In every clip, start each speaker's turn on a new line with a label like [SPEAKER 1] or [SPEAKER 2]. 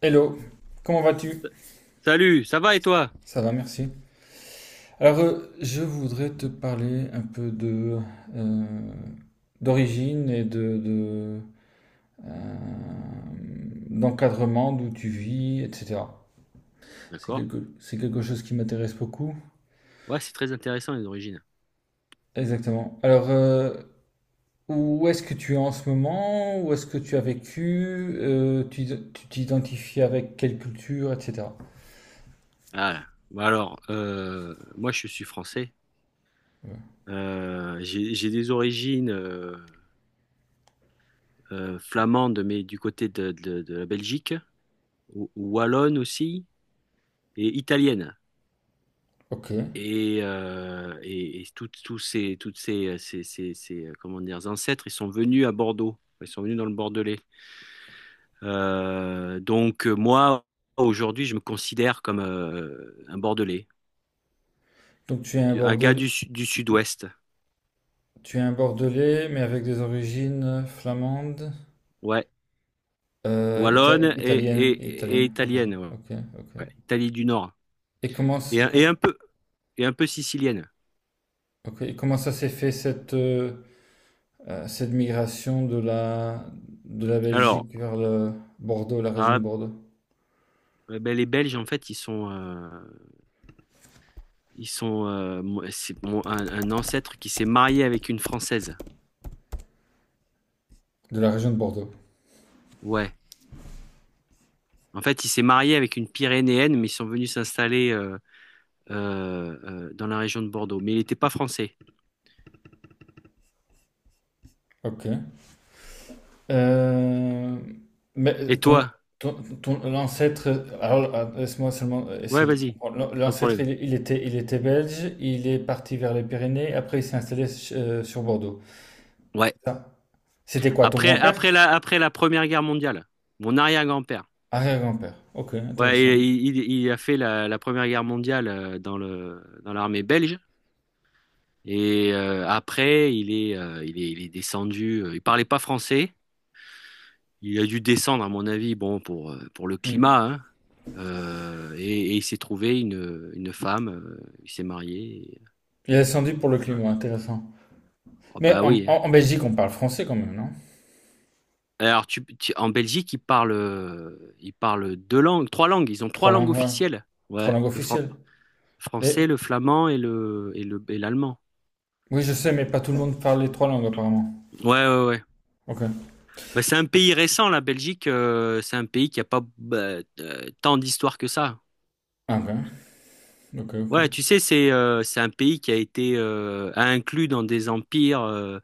[SPEAKER 1] Hello, comment vas-tu?
[SPEAKER 2] Salut, ça va et toi?
[SPEAKER 1] Ça va, merci. Alors, je voudrais te parler un peu de euh, d'origine et euh, d'encadrement, d'où tu vis, etc.
[SPEAKER 2] D'accord.
[SPEAKER 1] C'est quelque chose qui m'intéresse beaucoup.
[SPEAKER 2] Ouais, c'est très intéressant les origines.
[SPEAKER 1] Exactement. Alors, où est-ce que tu es en ce moment? Où est-ce que tu as vécu? Euh, tu tu t'identifies avec quelle culture, etc.
[SPEAKER 2] Ah, bah alors, moi je suis français.
[SPEAKER 1] Ouais.
[SPEAKER 2] J'ai des origines flamandes, mais du côté de la Belgique, ou wallonne aussi, et italienne.
[SPEAKER 1] Ok.
[SPEAKER 2] Et, et tous ces comment dire, ancêtres, ils sont venus à Bordeaux. Ils sont venus dans le Bordelais. Donc moi, aujourd'hui, je me considère comme un Bordelais.
[SPEAKER 1] Donc tu es un
[SPEAKER 2] Un gars
[SPEAKER 1] Bordelais.
[SPEAKER 2] du sud-ouest.
[SPEAKER 1] Tu es un Bordelais, mais avec des origines flamandes,
[SPEAKER 2] Ouais. Wallonne et,
[SPEAKER 1] italiennes,
[SPEAKER 2] et, et
[SPEAKER 1] italiennes. Ok,
[SPEAKER 2] italienne. Ouais.
[SPEAKER 1] ok, ok.
[SPEAKER 2] Ouais. Italie du Nord.
[SPEAKER 1] Et comment, s-
[SPEAKER 2] Et, un- et
[SPEAKER 1] com-
[SPEAKER 2] un peu, et un peu sicilienne.
[SPEAKER 1] ok, et comment ça s'est fait cette migration de la
[SPEAKER 2] Alors,
[SPEAKER 1] Belgique vers le Bordeaux, la région de
[SPEAKER 2] ah,
[SPEAKER 1] Bordeaux,
[SPEAKER 2] eh ben, les Belges, en fait, ils sont c'est un ancêtre qui s'est marié avec une Française.
[SPEAKER 1] de la région de Bordeaux.
[SPEAKER 2] Ouais. En fait, il s'est marié avec une Pyrénéenne, mais ils sont venus s'installer dans la région de Bordeaux. Mais il n'était pas français.
[SPEAKER 1] Ok. Euh, mais
[SPEAKER 2] Et toi?
[SPEAKER 1] ton, l'ancêtre, alors laisse-moi seulement
[SPEAKER 2] Ouais,
[SPEAKER 1] essayer de
[SPEAKER 2] vas-y.
[SPEAKER 1] comprendre.
[SPEAKER 2] Pas de
[SPEAKER 1] L'ancêtre,
[SPEAKER 2] problème.
[SPEAKER 1] il était belge, il est parti vers les Pyrénées, après il s'est installé sur Bordeaux.
[SPEAKER 2] Ouais.
[SPEAKER 1] Ça. C'était quoi, ton
[SPEAKER 2] Après,
[SPEAKER 1] grand-père?
[SPEAKER 2] après la, après la Première Guerre mondiale, mon arrière-grand-père.
[SPEAKER 1] Arrière-grand-père. Ok,
[SPEAKER 2] Ouais,
[SPEAKER 1] intéressant.
[SPEAKER 2] il a fait la Première Guerre mondiale dans dans l'armée belge. Après, il est descendu. Il parlait pas français. Il a dû descendre, à mon avis, bon, pour, pour le
[SPEAKER 1] Hmm.
[SPEAKER 2] climat, hein. Et il s'est trouvé une femme. Il s'est marié. Et
[SPEAKER 1] Il est descendu pour le
[SPEAKER 2] voilà.
[SPEAKER 1] climat, intéressant.
[SPEAKER 2] Oh,
[SPEAKER 1] Mais
[SPEAKER 2] bah oui, hein.
[SPEAKER 1] en Belgique, on parle français quand même, non?
[SPEAKER 2] Alors, en Belgique, ils parlent, ils parlent deux langues, trois langues. Ils ont trois
[SPEAKER 1] Trois
[SPEAKER 2] langues
[SPEAKER 1] langues, ouais.
[SPEAKER 2] officielles.
[SPEAKER 1] Trois
[SPEAKER 2] Ouais,
[SPEAKER 1] langues officielles.
[SPEAKER 2] français,
[SPEAKER 1] Mais
[SPEAKER 2] le flamand et l'allemand.
[SPEAKER 1] oui, je sais, mais pas tout le monde parle les trois langues apparemment.
[SPEAKER 2] Ouais, ouais, ouais.
[SPEAKER 1] Ok.
[SPEAKER 2] Bah, c'est un pays récent, la Belgique. C'est un pays qui a pas tant d'histoire que ça.
[SPEAKER 1] Ah, ok, ok, ok.
[SPEAKER 2] Ouais, tu sais, c'est un pays qui a été inclus dans des empires.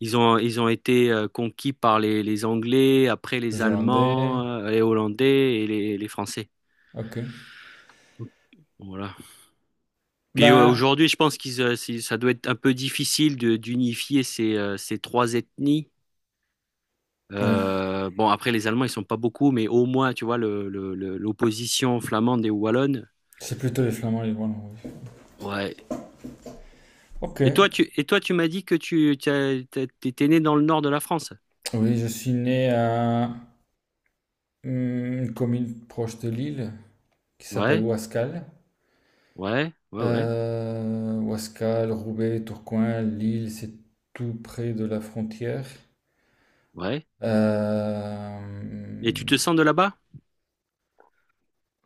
[SPEAKER 2] Ils ont été conquis par les Anglais, après les
[SPEAKER 1] Les
[SPEAKER 2] Allemands,
[SPEAKER 1] Hollandais,
[SPEAKER 2] les Hollandais et les Français.
[SPEAKER 1] ok.
[SPEAKER 2] Voilà. Puis
[SPEAKER 1] Ben
[SPEAKER 2] aujourd'hui, je pense qu'ils ça doit être un peu difficile de d'unifier ces ces trois ethnies.
[SPEAKER 1] oui,
[SPEAKER 2] Bon, après, les Allemands, ils sont pas beaucoup, mais au moins, tu vois, l'opposition flamande et wallonne.
[SPEAKER 1] c'est plutôt les Flamands et les Wallons. Oui.
[SPEAKER 2] Ouais.
[SPEAKER 1] Ok.
[SPEAKER 2] Et toi, tu m'as dit que t'étais né dans le nord de la France.
[SPEAKER 1] Oui, je suis né à hmm, une commune proche de Lille qui s'appelle
[SPEAKER 2] Ouais,
[SPEAKER 1] Ouascal.
[SPEAKER 2] ouais, ouais, ouais,
[SPEAKER 1] Ouascal, Roubaix, Tourcoing, Lille, c'est tout près de la frontière.
[SPEAKER 2] ouais.
[SPEAKER 1] Euh,
[SPEAKER 2] Et tu te sens de là-bas?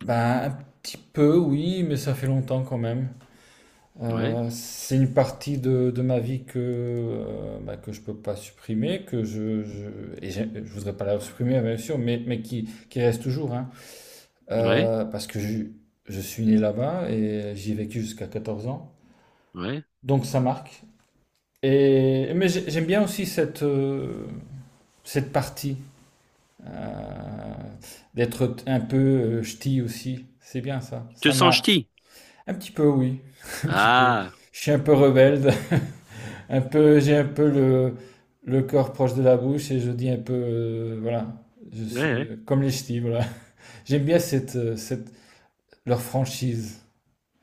[SPEAKER 1] ben, un petit peu, oui, mais ça fait longtemps quand même.
[SPEAKER 2] Ouais,
[SPEAKER 1] C'est une partie de ma vie que, ben, que je peux pas supprimer, que je voudrais pas la supprimer, bien sûr, mais qui reste toujours, hein.
[SPEAKER 2] ouais,
[SPEAKER 1] Parce que je suis né là-bas et j'y ai vécu jusqu'à 14 ans.
[SPEAKER 2] ouais.
[SPEAKER 1] Donc ça marque. J'aime bien aussi cette partie, euh, un peu ch'ti aussi. C'est bien ça.
[SPEAKER 2] Tu te
[SPEAKER 1] Ça
[SPEAKER 2] sens
[SPEAKER 1] m'a
[SPEAKER 2] ch'ti?
[SPEAKER 1] un petit peu, oui, un petit peu.
[SPEAKER 2] Ah,
[SPEAKER 1] Je suis un peu rebelle, un peu, j'ai un peu le corps proche de la bouche et je dis un peu, voilà, je suis
[SPEAKER 2] ouais,
[SPEAKER 1] comme les ch'tis, voilà. J'aime bien leur franchise.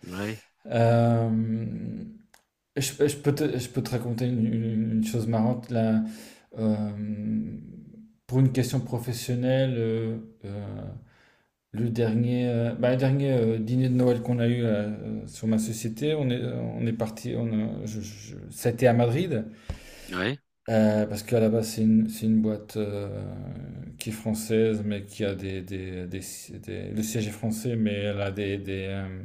[SPEAKER 2] ouais,
[SPEAKER 1] Euh, je peux te raconter une chose marrante là. Euh, pour une question professionnelle, euh, le dernier dîner de Noël qu'on a eu sur ma société, on est parti, on a- je- ça a été à Madrid
[SPEAKER 2] ouais, ouais.
[SPEAKER 1] parce qu'à la base c'est c'est une boîte qui est française mais qui a le siège est français mais elle a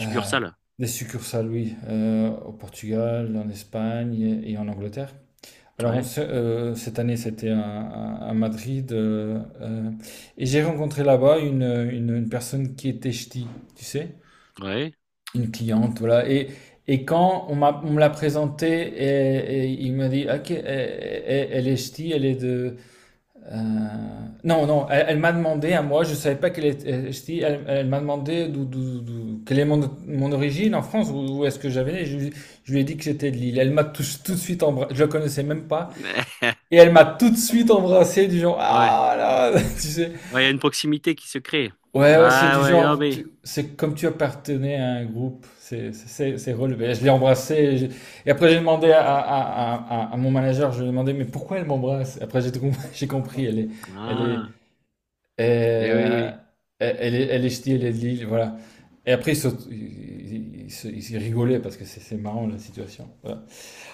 [SPEAKER 1] euh, des succursales, oui, au Portugal, en Espagne et en Angleterre. Alors,
[SPEAKER 2] Ouais,
[SPEAKER 1] cette année, c'était à Madrid. Et j'ai rencontré là-bas une personne qui était ch'ti, tu sais,
[SPEAKER 2] ouais.
[SPEAKER 1] une cliente, voilà. Quand on me l'a présentée, il m'a dit, OK, elle est ch'ti, elle est euh, non, non, elle m'a demandé à moi, je savais pas qu'elle était, elle, je dis, elle, elle m'a demandé quelle est mon origine en France, où est-ce que j'avais né. Je lui ai dit que j'étais de Lille. Elle m'a tout de suite embrassé, je la connaissais même pas, et elle m'a tout de suite embrassé du genre,
[SPEAKER 2] Ouais,
[SPEAKER 1] ah là, tu sais.
[SPEAKER 2] ouais, il y a une proximité qui se crée.
[SPEAKER 1] Ouais, ouais, c'est
[SPEAKER 2] Ah,
[SPEAKER 1] du
[SPEAKER 2] ouais, non,
[SPEAKER 1] genre,
[SPEAKER 2] mais.
[SPEAKER 1] c'est comme tu appartenais à un groupe, relevé. Je l'ai embrassé, et après j'ai demandé à mon manager, je lui ai demandé, mais pourquoi elle m'embrasse? Après j'ai tout compris, j'ai compris, elle est, et,
[SPEAKER 2] Ah, mais oui, oui,
[SPEAKER 1] elle, elle est ch'ti, elle est de Lille, voilà. Et après, ils, saut- ils- ils se- ils rigolaient parce que c'est marrant la situation. Voilà.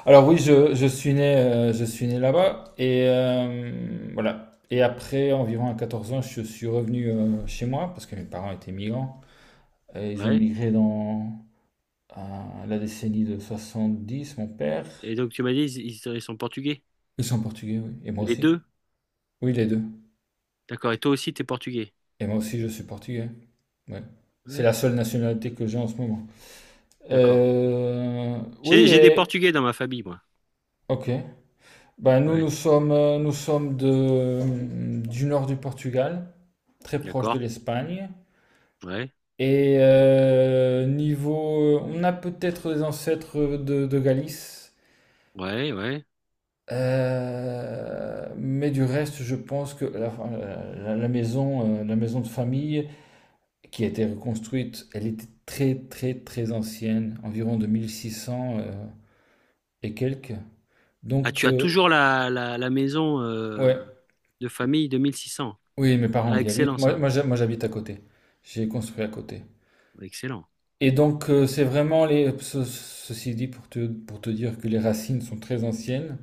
[SPEAKER 1] Alors oui, je suis né là-bas et voilà. Et après, environ à 14 ans, je suis revenu chez moi parce que mes parents étaient migrants. Et ils ont
[SPEAKER 2] ouais.
[SPEAKER 1] migré dans la décennie de 70, mon père.
[SPEAKER 2] Et donc tu m'as dit, ils sont portugais.
[SPEAKER 1] Ils sont portugais, oui. Et moi
[SPEAKER 2] Les
[SPEAKER 1] aussi.
[SPEAKER 2] deux?
[SPEAKER 1] Oui, les deux.
[SPEAKER 2] D'accord. Et toi aussi, t'es portugais.
[SPEAKER 1] Et moi aussi, je suis portugais. Ouais. C'est
[SPEAKER 2] Ouais.
[SPEAKER 1] la seule nationalité que j'ai en ce moment.
[SPEAKER 2] D'accord. J'ai,
[SPEAKER 1] Oui,
[SPEAKER 2] j'ai des
[SPEAKER 1] et...
[SPEAKER 2] portugais dans ma famille, moi.
[SPEAKER 1] Ok. Ben
[SPEAKER 2] Ouais.
[SPEAKER 1] nous sommes du nord du Portugal, très proche de
[SPEAKER 2] D'accord.
[SPEAKER 1] l'Espagne.
[SPEAKER 2] Ouais.
[SPEAKER 1] Et niveau... On a peut-être des ancêtres de Galice.
[SPEAKER 2] Ouais, ouais.
[SPEAKER 1] Mais du reste, je pense que la maison de famille qui a été reconstruite, elle était très très très ancienne, environ de 1600 et quelques.
[SPEAKER 2] Ah,
[SPEAKER 1] Donc,
[SPEAKER 2] tu as toujours la maison
[SPEAKER 1] ouais.
[SPEAKER 2] de famille 2600.
[SPEAKER 1] Oui, mes parents
[SPEAKER 2] Ah,
[SPEAKER 1] y habitent.
[SPEAKER 2] excellent ça.
[SPEAKER 1] J'habite à côté. J'ai construit à côté.
[SPEAKER 2] Excellent.
[SPEAKER 1] Et donc, c'est vraiment les. Ce- ceci dit, pour te dire que les racines sont très anciennes,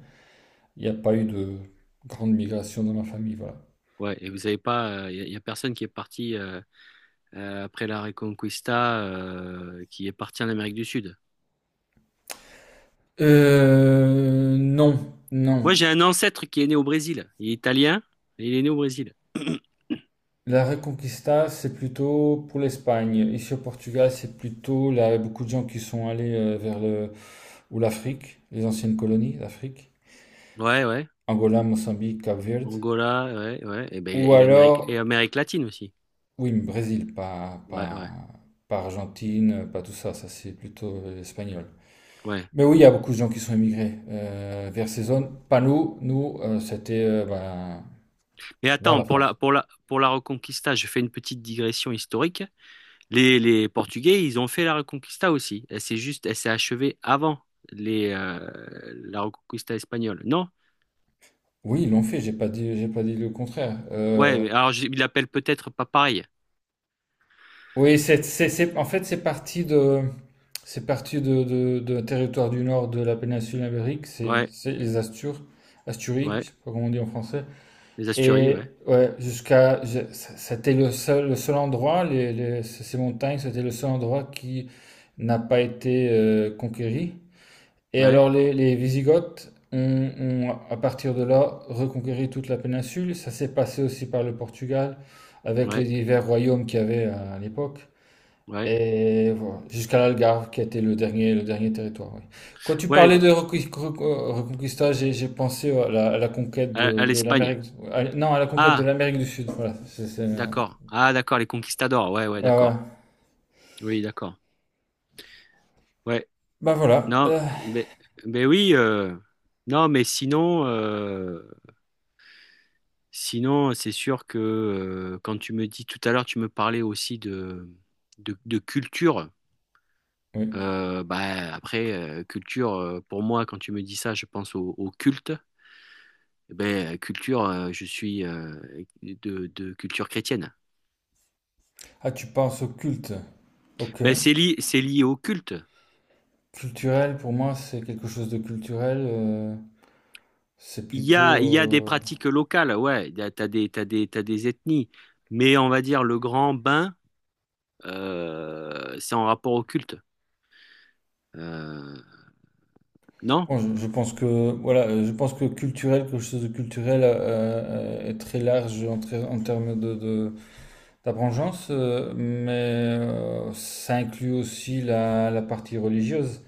[SPEAKER 1] il n'y a pas eu de grande migration dans ma famille, voilà.
[SPEAKER 2] Ouais. Et vous n'avez pas, il y a personne qui est parti après la Reconquista, qui est parti en Amérique du Sud.
[SPEAKER 1] Non, non.
[SPEAKER 2] Moi, j'ai un ancêtre qui est né au Brésil. Il est italien et il est né au Brésil.
[SPEAKER 1] La Reconquista, c'est plutôt pour l'Espagne. Ici au Portugal, c'est plutôt là, beaucoup de gens qui sont allés vers le ou l'Afrique, les anciennes colonies d'Afrique,
[SPEAKER 2] Ouais, ouais.
[SPEAKER 1] Angola, Mozambique, Cap-Verde,
[SPEAKER 2] Angola, ouais, ouais. Et, ben,
[SPEAKER 1] ou
[SPEAKER 2] et l'Amérique, et
[SPEAKER 1] alors
[SPEAKER 2] Amérique latine aussi.
[SPEAKER 1] Oui, mais Brésil,
[SPEAKER 2] Ouais, ouais,
[SPEAKER 1] pas Argentine, pas tout ça, ça c'est plutôt espagnol.
[SPEAKER 2] ouais.
[SPEAKER 1] Mais oui, il y a beaucoup de gens qui sont émigrés vers ces zones. Pas nous, nous, c'était ben,
[SPEAKER 2] Mais
[SPEAKER 1] vers
[SPEAKER 2] attends,
[SPEAKER 1] la
[SPEAKER 2] pour la,
[SPEAKER 1] France.
[SPEAKER 2] pour la, pour la Reconquista, je fais une petite digression historique. Les Portugais, ils ont fait la Reconquista aussi. Elle s'est achevée avant les, euh, la Reconquista espagnole. Non?
[SPEAKER 1] Oui, ils l'ont fait, j'ai pas dit le contraire.
[SPEAKER 2] Ouais, mais alors, ils l'appellent peut-être pas pareil.
[SPEAKER 1] Oui, en fait, c'est parti de territoire du nord de la péninsule ibérique,
[SPEAKER 2] Ouais,
[SPEAKER 1] c'est les Astures, Asturies, je
[SPEAKER 2] ouais.
[SPEAKER 1] sais pas comment on dit en français.
[SPEAKER 2] Les Asturies,
[SPEAKER 1] Et
[SPEAKER 2] ouais.
[SPEAKER 1] ouais, c'était le seul endroit, ces montagnes, c'était le seul endroit qui n'a pas été conquéri. Et
[SPEAKER 2] Ouais,
[SPEAKER 1] alors les Wisigoths ont, à partir de là, reconquéri toute la péninsule. Ça s'est passé aussi par le Portugal, avec les
[SPEAKER 2] ouais,
[SPEAKER 1] divers royaumes qu'il y avait à l'époque.
[SPEAKER 2] ouais.
[SPEAKER 1] Et voilà, jusqu'à l'Algarve, qui a été le dernier territoire. Oui. Quand tu parlais
[SPEAKER 2] Ouais,
[SPEAKER 1] de Reconquista, j'ai pensé à la conquête
[SPEAKER 2] à, à
[SPEAKER 1] de
[SPEAKER 2] l'Espagne.
[SPEAKER 1] l'Amérique. Non, à la conquête de
[SPEAKER 2] Ah,
[SPEAKER 1] l'Amérique du Sud. Voilà. Ouais,
[SPEAKER 2] d'accord. Ah, d'accord, les conquistadors. Ouais, ouais,
[SPEAKER 1] ouais.
[SPEAKER 2] d'accord. Oui, d'accord. Ouais.
[SPEAKER 1] Bah voilà.
[SPEAKER 2] Non, mais, mais oui, non, mais sinon, c'est sûr que quand tu me dis tout à l'heure, tu me parlais aussi de culture.
[SPEAKER 1] Oui.
[SPEAKER 2] Bah, après, culture, pour moi, quand tu me dis ça, je pense au culte. Eh ben, culture, je suis de culture chrétienne.
[SPEAKER 1] Ah, tu penses au culte. Ok.
[SPEAKER 2] Ben, c'est lié au culte.
[SPEAKER 1] Culturel, pour moi, c'est quelque chose de culturel. C'est
[SPEAKER 2] Il y
[SPEAKER 1] plutôt.
[SPEAKER 2] a, il y a des pratiques locales, ouais, t'as des ethnies. Mais on va dire le grand bain. C'est en rapport au culte. Euh, non?
[SPEAKER 1] Bon, je pense que voilà, je pense que culturel, quelque chose de culturel est très large en, en termes de Ta vengeance, mais ça inclut aussi la partie religieuse.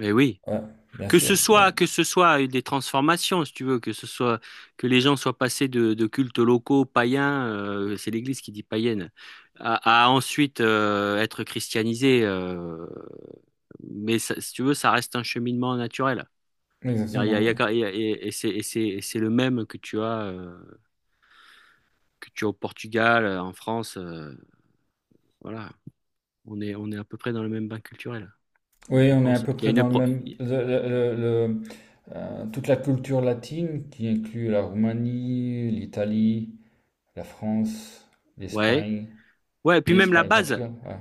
[SPEAKER 2] Eh oui.
[SPEAKER 1] Ouais, bien
[SPEAKER 2] Que ce
[SPEAKER 1] sûr. Ouais.
[SPEAKER 2] soit, que ce soit des transformations, si tu veux, que ce soit que les gens soient passés de cultes locaux païens, c'est l'Église qui dit païenne, à ensuite être christianisés. Mais si tu veux, ça reste un cheminement naturel.
[SPEAKER 1] Exactement. Ouais.
[SPEAKER 2] Et c'est le même que tu as au Portugal, en France. Voilà, on est à peu près dans le même bain culturel.
[SPEAKER 1] Oui,
[SPEAKER 2] Je
[SPEAKER 1] on est à
[SPEAKER 2] pense
[SPEAKER 1] peu
[SPEAKER 2] qu'il y a
[SPEAKER 1] près
[SPEAKER 2] une
[SPEAKER 1] dans le
[SPEAKER 2] pro-
[SPEAKER 1] même. Le- le- Toute la culture latine qui inclut la Roumanie, l'Italie, la France,
[SPEAKER 2] Ouais.
[SPEAKER 1] l'Espagne,
[SPEAKER 2] Ouais, et puis même la
[SPEAKER 1] l'Espagne, le
[SPEAKER 2] base.
[SPEAKER 1] Portugal. Ouais.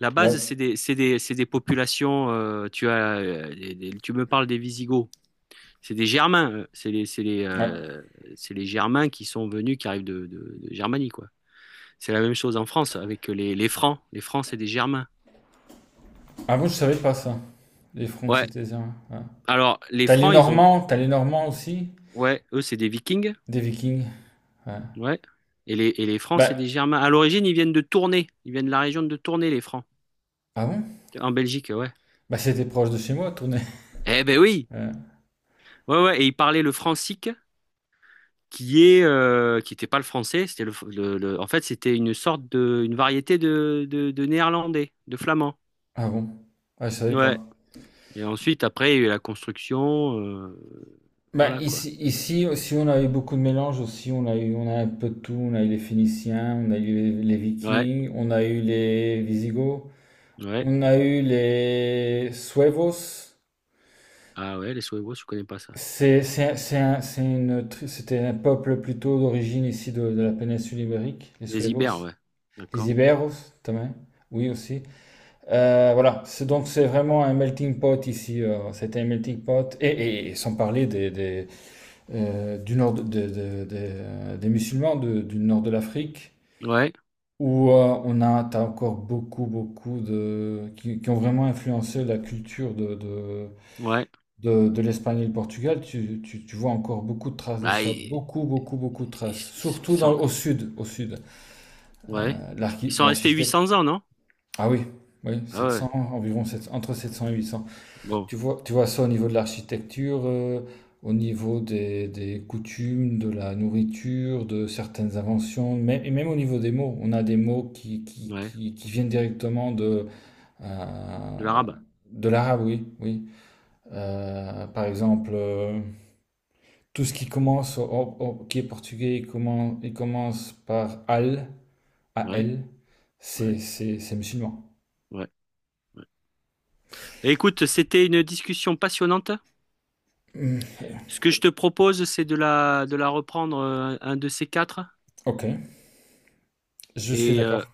[SPEAKER 2] La
[SPEAKER 1] Là,
[SPEAKER 2] base, c'est des populations. Tu me parles des Visigoths. C'est des Germains. euh, C'est les, c'est les,
[SPEAKER 1] ouais.
[SPEAKER 2] euh, c'est les Germains qui sont venus, qui arrivent de Germanie, quoi. C'est la même chose en France avec les Francs. Les Francs, c'est des Germains.
[SPEAKER 1] Avant, je savais pas ça. Les Francs,
[SPEAKER 2] Ouais.
[SPEAKER 1] c'était ça. Ouais.
[SPEAKER 2] Alors, les
[SPEAKER 1] T'as les
[SPEAKER 2] Francs, ils ont.
[SPEAKER 1] Normands, aussi,
[SPEAKER 2] Ouais, eux, c'est des Vikings.
[SPEAKER 1] des Vikings. Ouais.
[SPEAKER 2] Ouais. Et les Francs, c'est
[SPEAKER 1] Bah,
[SPEAKER 2] des Germains. À l'origine, ils viennent de Tournai. Ils viennent de la région de Tournai, les Francs.
[SPEAKER 1] ah bon?
[SPEAKER 2] En Belgique, ouais.
[SPEAKER 1] Bah, c'était proche de chez moi, tourner.
[SPEAKER 2] Eh ben oui!
[SPEAKER 1] Euh,
[SPEAKER 2] Ouais, ouais, et ils parlaient le francique qui est qui n'était pas le français, c'était en fait c'était une sorte de une variété de néerlandais, de flamand.
[SPEAKER 1] ah bon? Ah, je savais
[SPEAKER 2] Ouais.
[SPEAKER 1] pas.
[SPEAKER 2] Et ensuite après il y a eu la construction,
[SPEAKER 1] Bah,
[SPEAKER 2] voilà quoi.
[SPEAKER 1] ici, si on a eu beaucoup de mélanges aussi, on a un peu de tout. On a eu les Phéniciens, on a eu les
[SPEAKER 2] Ouais,
[SPEAKER 1] Vikings, on a eu les Visigoths,
[SPEAKER 2] ouais.
[SPEAKER 1] on a eu les Suevos.
[SPEAKER 2] Ah ouais, les Suédois, je connais pas ça.
[SPEAKER 1] C'est un- c'est une, tri- C'était un peuple plutôt d'origine ici de la péninsule ibérique, les
[SPEAKER 2] Les
[SPEAKER 1] Suevos,
[SPEAKER 2] Ibères, ouais.
[SPEAKER 1] les
[SPEAKER 2] D'accord.
[SPEAKER 1] Iberos, también, oui aussi. Voilà, c'est vraiment un melting pot ici. C'était un melting pot, et sans parler du nord des musulmans du nord de l'Afrique,
[SPEAKER 2] Ouais,
[SPEAKER 1] où t'as encore beaucoup, qui ont vraiment influencé la culture
[SPEAKER 2] ouais.
[SPEAKER 1] de l'Espagne et le Portugal. Tu vois encore beaucoup de traces de
[SPEAKER 2] Ah,
[SPEAKER 1] ça,
[SPEAKER 2] ils,
[SPEAKER 1] beaucoup, beaucoup, beaucoup de
[SPEAKER 2] ils-
[SPEAKER 1] traces,
[SPEAKER 2] ils
[SPEAKER 1] surtout
[SPEAKER 2] sont,
[SPEAKER 1] au sud, au sud.
[SPEAKER 2] ouais. Ils sont restés huit
[SPEAKER 1] L'architecte,
[SPEAKER 2] cents ans, non?
[SPEAKER 1] ah oui, oui, sept
[SPEAKER 2] Ah ouais.
[SPEAKER 1] cents environ 700, entre 700 et 800
[SPEAKER 2] Bon,
[SPEAKER 1] Tu vois ça au niveau de l'architecture, au niveau des coutumes, de la nourriture, de certaines inventions, mais, et même au niveau des mots. On a des mots
[SPEAKER 2] ouais.
[SPEAKER 1] qui viennent directement
[SPEAKER 2] De
[SPEAKER 1] euh,
[SPEAKER 2] l'arabe.
[SPEAKER 1] de l'arabe, oui, oui. Par exemple, tout ce qui commence, qui est portugais, il commence par al, a
[SPEAKER 2] Ouais,
[SPEAKER 1] l,
[SPEAKER 2] ouais,
[SPEAKER 1] c'est musulman.
[SPEAKER 2] ouais. Ouais. Bah, écoute, c'était une discussion passionnante. Ce que je te propose, c'est de la reprendre un de ces quatre.
[SPEAKER 1] Ok, je suis
[SPEAKER 2] Et
[SPEAKER 1] d'accord.
[SPEAKER 2] euh,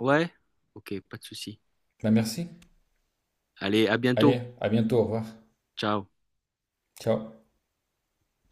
[SPEAKER 2] ouais, ok, pas de souci.
[SPEAKER 1] Ben merci.
[SPEAKER 2] Allez, à
[SPEAKER 1] Allez,
[SPEAKER 2] bientôt.
[SPEAKER 1] à bientôt, au revoir.
[SPEAKER 2] Ciao.
[SPEAKER 1] Ciao.